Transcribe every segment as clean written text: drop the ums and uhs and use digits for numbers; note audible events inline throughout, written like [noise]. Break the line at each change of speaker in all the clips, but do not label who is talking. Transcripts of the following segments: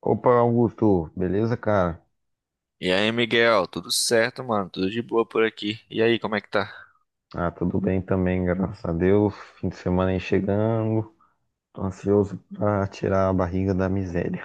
Opa, Augusto, beleza, cara?
E aí, Miguel, tudo certo, mano? Tudo de boa por aqui. E aí, como é que tá?
Ah, tudo bem também, graças a Deus. Fim de semana aí chegando. Tô ansioso pra tirar a barriga da miséria.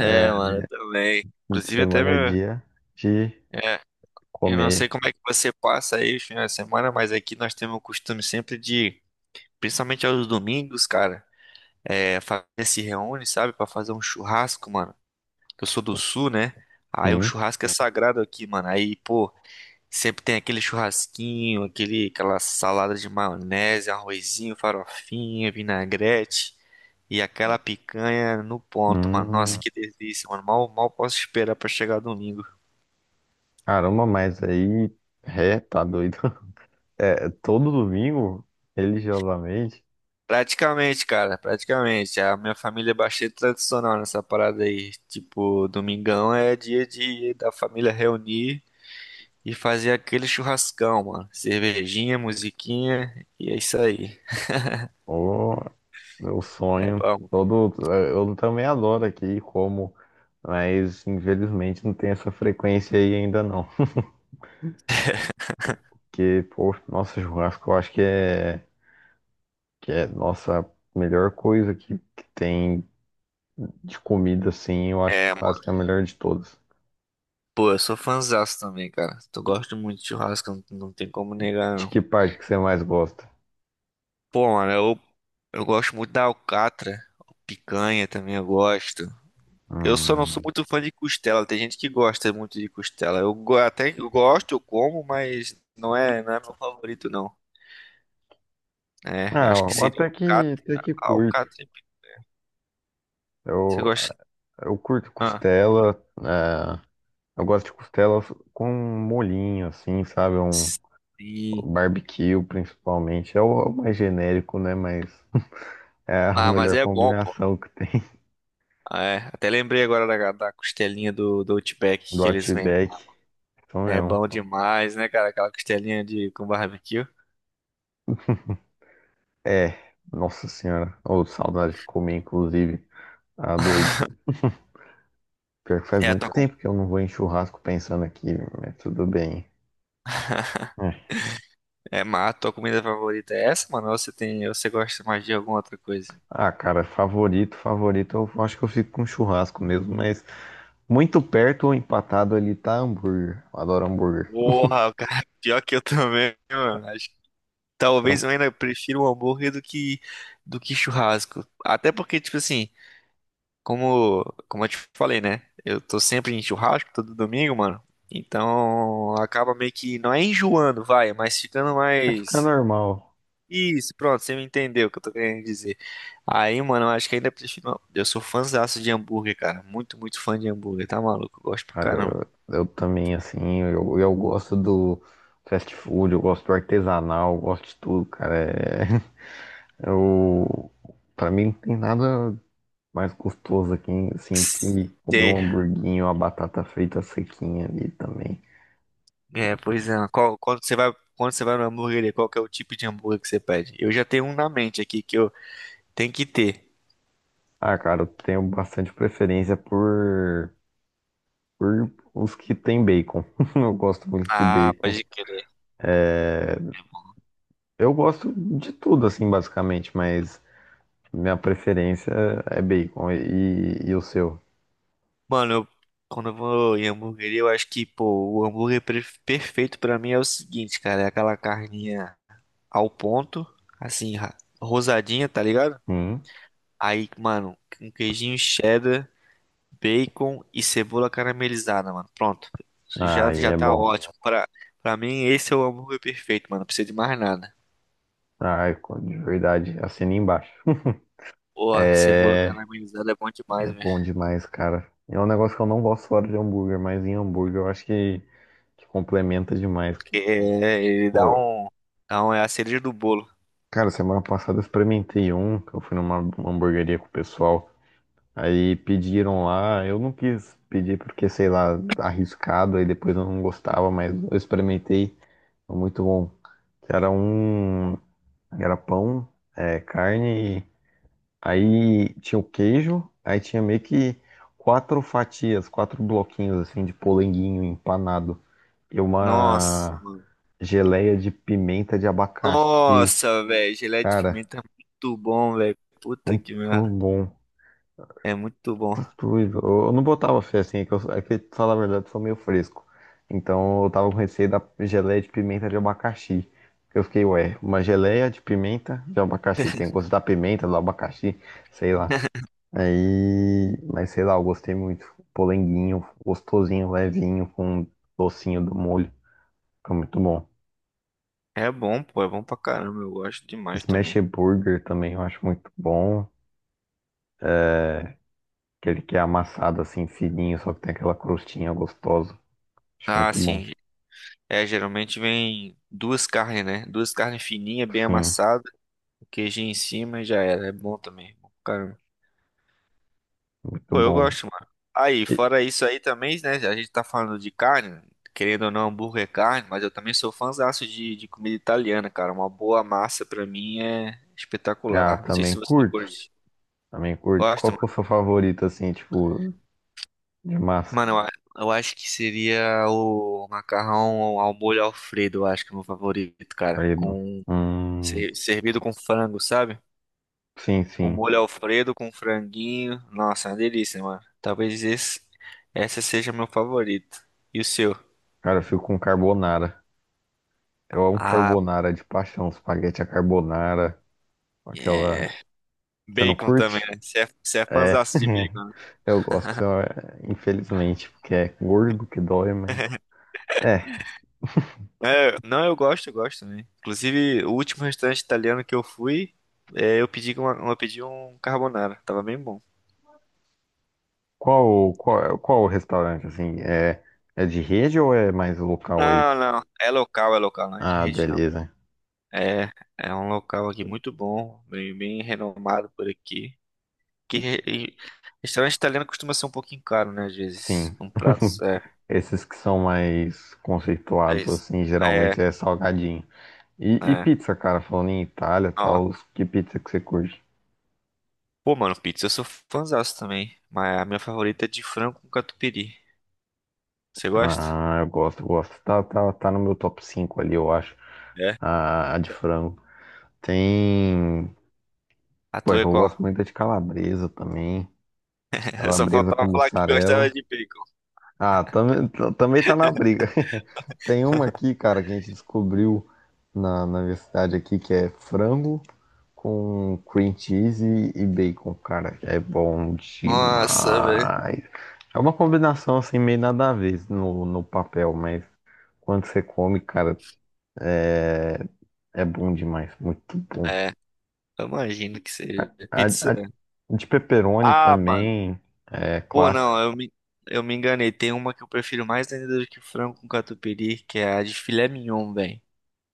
É,
mano, eu também.
Fim de
Inclusive, até
semana é
meu.
dia de
É, eu não sei
comer,
como é que você passa aí os finais de semana, mas aqui nós temos o costume sempre de, principalmente aos domingos, cara, é, a família se reúne, sabe, pra fazer um churrasco, mano. Eu sou do sul, né? Aí o
sim.
churrasco é sagrado aqui, mano. Aí, pô, sempre tem aquele churrasquinho, aquele, aquela salada de maionese, arrozinho, farofinha, vinagrete e aquela picanha no ponto, mano. Nossa,
Hum,
que delícia, mano. Mal posso esperar pra chegar domingo.
caramba, mas aí, tá doido. [laughs] É, todo domingo, religiosamente,
Praticamente, cara, praticamente. A minha família é bastante tradicional nessa parada aí. Tipo, domingão é dia de da família reunir e fazer aquele churrascão, mano. Cervejinha, musiquinha e é isso aí.
ô, meu
É
sonho,
bom.
todo, eu também adoro aqui como, mas infelizmente não tem essa frequência aí ainda não. Que, pô, nossa, churrasco eu acho que é nossa melhor coisa que tem de comida, assim. Eu acho que
É, mano.
churrasco é a melhor de todas.
Pô, eu sou fãzaço também, cara. Eu gosto muito de churrasco, não tem como negar,
De
não.
que parte que você mais gosta?
Pô, mano, eu gosto muito da alcatra, picanha também eu gosto. Eu só não sou
Hum.
muito fã de costela, tem gente que gosta muito de costela. Até que eu gosto, eu como, mas não é meu favorito, não. É,
Ah,
acho que seria alcatra,
até que curto.
alcatra. Você
Eu,
gosta?
eu curto
Ah,
costela. é, eu gosto de costela com molhinho, assim, sabe? Um
sim.
barbecue, principalmente. É o mais genérico, né? Mas é a
Ah, mas
melhor
é bom, pô.
combinação que tem. [laughs]
Ah, é, até lembrei agora da costelinha do Outback
Do
que eles vendem.
Outback. Então,
É
eu.
bom demais, né, cara? Aquela costelinha de com barbecue.
É, nossa senhora. Ô, saudade de comer, inclusive. Ah, doido. Pior que faz
É a
muito
tua, com-
tempo que eu não vou em churrasco pensando aqui, mas tudo bem.
[laughs]
É.
É, mas a tua comida favorita é essa, mano? Ou você tem, ou você gosta mais de alguma outra coisa?
Ah, cara, favorito, favorito. Eu acho que eu fico com churrasco mesmo, mas muito perto ou empatado ali tá hambúrguer. Eu adoro hambúrguer.
Porra, [laughs] cara, pior que eu também, mano. Acho que talvez
Então,
eu ainda prefira o hambúrguer do que churrasco. Até porque, tipo assim, como como eu te falei, né? Eu tô sempre em churrasco todo domingo, mano. Então acaba meio que não é enjoando, vai, mas ficando
vai ficar
mais.
normal.
Isso, pronto, você me entendeu o que eu tô querendo dizer. Aí, mano, eu acho que ainda prefiro. Não, eu sou fãzaço de hambúrguer, cara. Muito, muito fã de hambúrguer, tá maluco? Eu gosto pra
Cara,
caramba.
eu também, assim, eu gosto do fast food, eu gosto do artesanal, eu gosto de tudo, cara. É, [laughs] eu, pra mim não tem nada mais gostoso aqui, hein? Assim, do que comer um
Sei.
hamburguinho, uma batata frita sequinha ali também.
É, pois é. Quando você vai na hambúrgueria, qual que é o tipo de hambúrguer que você pede? Eu já tenho um na mente aqui que eu tenho que ter.
Ah, cara, eu tenho bastante preferência por os que tem bacon. [laughs] Eu gosto muito de
Ah,
bacon.
pode crer.
É, eu gosto de tudo, assim, basicamente, mas minha preferência é bacon. E o seu?
Mano, quando eu vou em hambúrgueria, eu acho que, pô, o hambúrguer perfeito pra mim é o seguinte, cara, é aquela carninha ao ponto, assim, rosadinha, tá ligado?
Hum?
Aí, mano, um queijinho cheddar, bacon e cebola caramelizada, mano. Pronto. Isso já,
Ai,
já
é
tá
bom.
ótimo. Pra mim, esse é o hambúrguer perfeito, mano. Não precisa de mais nada.
Ai, de verdade, assina embaixo. [laughs]
Pô, cebola
É,
caramelizada é bom
é
demais, velho.
bom demais, cara. É um negócio que eu não gosto fora de hambúrguer, mas em hambúrguer eu acho que complementa demais.
Que é, ele dá
Pô,
um, dá um. É a cereja do bolo.
cara, semana passada eu experimentei um, que eu fui numa hamburgueria com o pessoal. Aí pediram lá, eu não quis pedir porque, sei lá, arriscado, aí depois eu não gostava, mas eu experimentei, foi muito bom. Que era um, era pão, é, carne. Aí tinha o queijo, aí tinha meio que quatro fatias, quatro bloquinhos assim de polenguinho empanado e
Nossa,
uma
mano.
geleia de pimenta de abacaxi.
Nossa, velho. Geleia de
Cara,
pimenta é muito bom, velho. Puta
muito
que merda.
bom.
É muito bom.
Tudo. Eu não botava fé assim, é que, eu, é que, pra falar a verdade, eu sou meio fresco. Então eu tava com receio da geleia de pimenta de abacaxi. Eu fiquei, ué, uma geleia de pimenta de abacaxi. Tem gosto da pimenta, do abacaxi, sei lá. Aí, mas sei lá, eu gostei muito. Polenguinho, gostosinho, levinho, com um docinho do molho. Fica muito bom.
É bom, pô. É bom pra caramba. Eu gosto demais
Smash
também.
Burger também eu acho muito bom. Aquele que é amassado assim, fininho, só que tem aquela crostinha gostosa. Acho
Ah,
muito bom.
sim. É, geralmente vem duas carnes, né? Duas carnes fininhas, bem
Sim,
amassadas, queijinho em cima e já era. É bom também. É bom pra caramba.
muito
Pô, eu
bom.
gosto, mano. Aí,
E-
fora isso aí também, né? A gente tá falando de carne, querendo ou não, hambúrguer é carne, mas eu também sou fãzaço de comida italiana, cara. Uma boa massa pra mim é
ah,
espetacular. Não sei se
também
você
curto.
curte.
Também curto. Qual
Gosta,
que é o
mano?
seu favorito, assim, tipo, de massa?
Mano, eu acho que seria o macarrão ao molho Alfredo, eu acho que é o meu favorito, cara.
Querido?
Com,
Hum,
ser- servido com frango, sabe?
sim,
O
sim.
molho Alfredo com franguinho. Nossa, uma delícia, mano. Talvez esse, essa seja meu favorito. E o seu?
Cara, eu fico com carbonara. Eu amo
Ah,
carbonara de paixão. Espaguete à carbonara.
é.
Aquela. Você não
Bacon também,
curte?
né? Você é
É.
fãzaço de
[laughs]
bacon, né?
Eu gosto, é, infelizmente, porque é gordo que dói, mas. É.
Não, eu gosto, também. Inclusive, o último restaurante italiano que eu fui, eu pedi uma, eu pedi um carbonara. Tava bem bom.
Qual o restaurante, assim? É, é de rede ou é mais local aí?
Não, não. É local, não é de
Ah,
rede, não.
beleza.
É, é um local aqui muito bom, bem, bem renomado por aqui. E restaurante italiano costuma ser um pouquinho caro, né? Às vezes.
Sim.
Um prato.
[laughs]
É,
Esses que são mais
é
conceituados,
isso.
assim, geralmente
É,
é salgadinho. E
é.
pizza, cara, falando em Itália e
Ó.
tal, que pizza que você curte?
Pô, mano, pizza eu sou fãzaço também. Mas a minha favorita é de frango com catupiry. Você gosta?
Ah, eu gosto, eu gosto. Tá no meu top 5 ali, eu acho.
É.
A de frango. Tem.
A
Pô, é
tua
que
é
eu gosto
qual?
muito de calabresa também.
[laughs] Só
Calabresa com
faltava falar que gostava
mussarela.
de bacon.
Ah, também, também tá na briga. [laughs] Tem uma aqui, cara, que a gente descobriu na universidade aqui, que é frango com cream cheese e bacon, cara. É bom
Nossa, velho.
demais. É uma combinação assim, meio nada a ver no papel, mas quando você come, cara, é, é bom demais. Muito bom.
É, eu imagino que seja.
A,
Pizza.
a de pepperoni
Ah, mano.
também é
Pô,
clássica.
não, eu me enganei. Tem uma que eu prefiro mais ainda do que frango com catupiry, que é a de filé mignon, velho.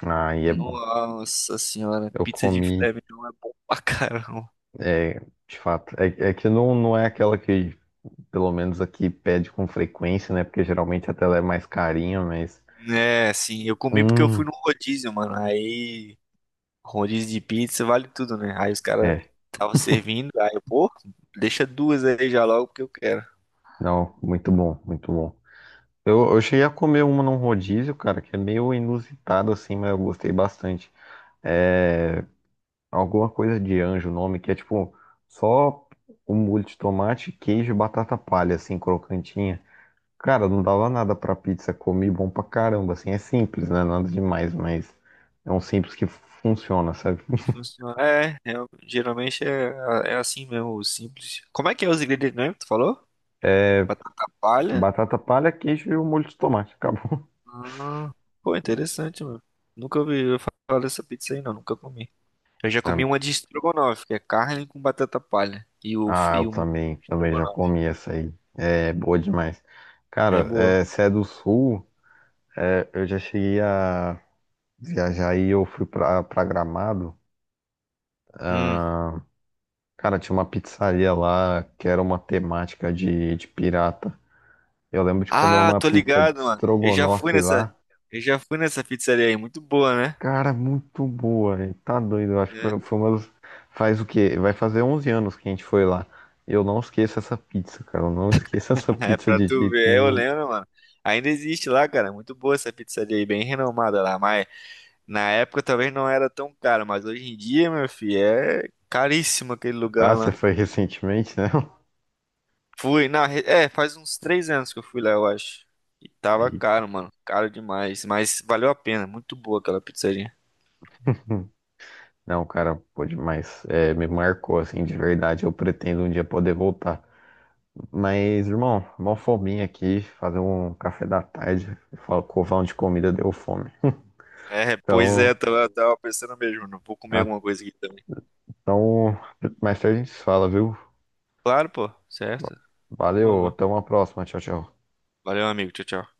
Aí é bom.
Nossa senhora,
Eu
pizza de
comi,
filé mignon é bom pra caramba.
é, de fato. É, é que não é aquela que, pelo menos aqui, pede com frequência, né? Porque geralmente até ela é mais carinha, mas.
É, sim, eu comi porque eu fui
Hum,
no rodízio, mano. Aí, rodízio de pizza vale tudo, né? Aí os caras
é.
estavam servindo, aí eu, pô, deixa duas aí já logo porque eu quero.
Não, muito bom, muito bom. Eu cheguei a comer uma num rodízio, cara, que é meio inusitado assim, mas eu gostei bastante. É alguma coisa de anjo, o nome, que é tipo só um molho de tomate, queijo e batata palha, assim, crocantinha. Cara, não dava nada pra pizza, comi bom pra caramba, assim, é simples, né? Nada demais, mas é um simples que funciona, sabe?
E funciona. É, geralmente é assim mesmo, simples. Como é que é os ingredientes mesmo? Que tu falou? Batata palha?
Batata palha, queijo e o molho de tomate, acabou.
Ah, pô, interessante, mano. Nunca ouvi falar dessa pizza aí, não. Nunca comi. Eu já comi uma
[laughs]
de estrogonofe, que é carne com batata palha. E o,
Ah,
e
eu
o molho
também,
de
também já
estrogonofe.
comi essa aí, é boa demais.
É
Cara,
boa.
é, se é do Sul, é, eu já cheguei a viajar e eu fui pra Gramado.
Hum.
Ah, cara, tinha uma pizzaria lá que era uma temática de pirata. Eu lembro de comer
Ah,
uma
tô
pizza de
ligado, mano. Eu já fui
estrogonofe
nessa.
lá.
Eu já fui nessa pizzaria aí. Muito boa, né?
Cara, muito boa, velho. Tá doido. Eu acho que
É,
foi uma das... Faz o quê? Vai fazer 11 anos que a gente foi lá. Eu não esqueço essa pizza, cara. Eu não esqueço essa
[laughs] é
pizza
pra
de
tu
jeito
ver. Eu
nenhum.
lembro, mano. Ainda existe lá, cara. Muito boa essa pizzaria aí. Bem renomada lá. Mas na época talvez não era tão cara. Mas hoje em dia, meu filho, é caríssimo aquele
Ah,
lugar
você
lá.
foi recentemente, né?
Fui, faz uns 3 anos que eu fui lá, eu acho. E
[laughs]
tava
Eita.
caro, mano, caro demais, mas valeu a pena, muito boa aquela pizzaria.
Não, cara, pô, demais. É, me marcou, assim, de verdade. Eu pretendo um dia poder voltar. Mas, irmão, mó fominha aqui. Fazer um café da tarde. Fal- covão de comida deu fome.
É, pois é,
Então,
tava pensando mesmo, não vou comer
a-
alguma coisa aqui também.
então, mais tarde a gente se fala, viu?
Claro, pô, certo,
Valeu,
demorou.
até uma próxima. Tchau, tchau.
Valeu, amigo, tchau, tchau.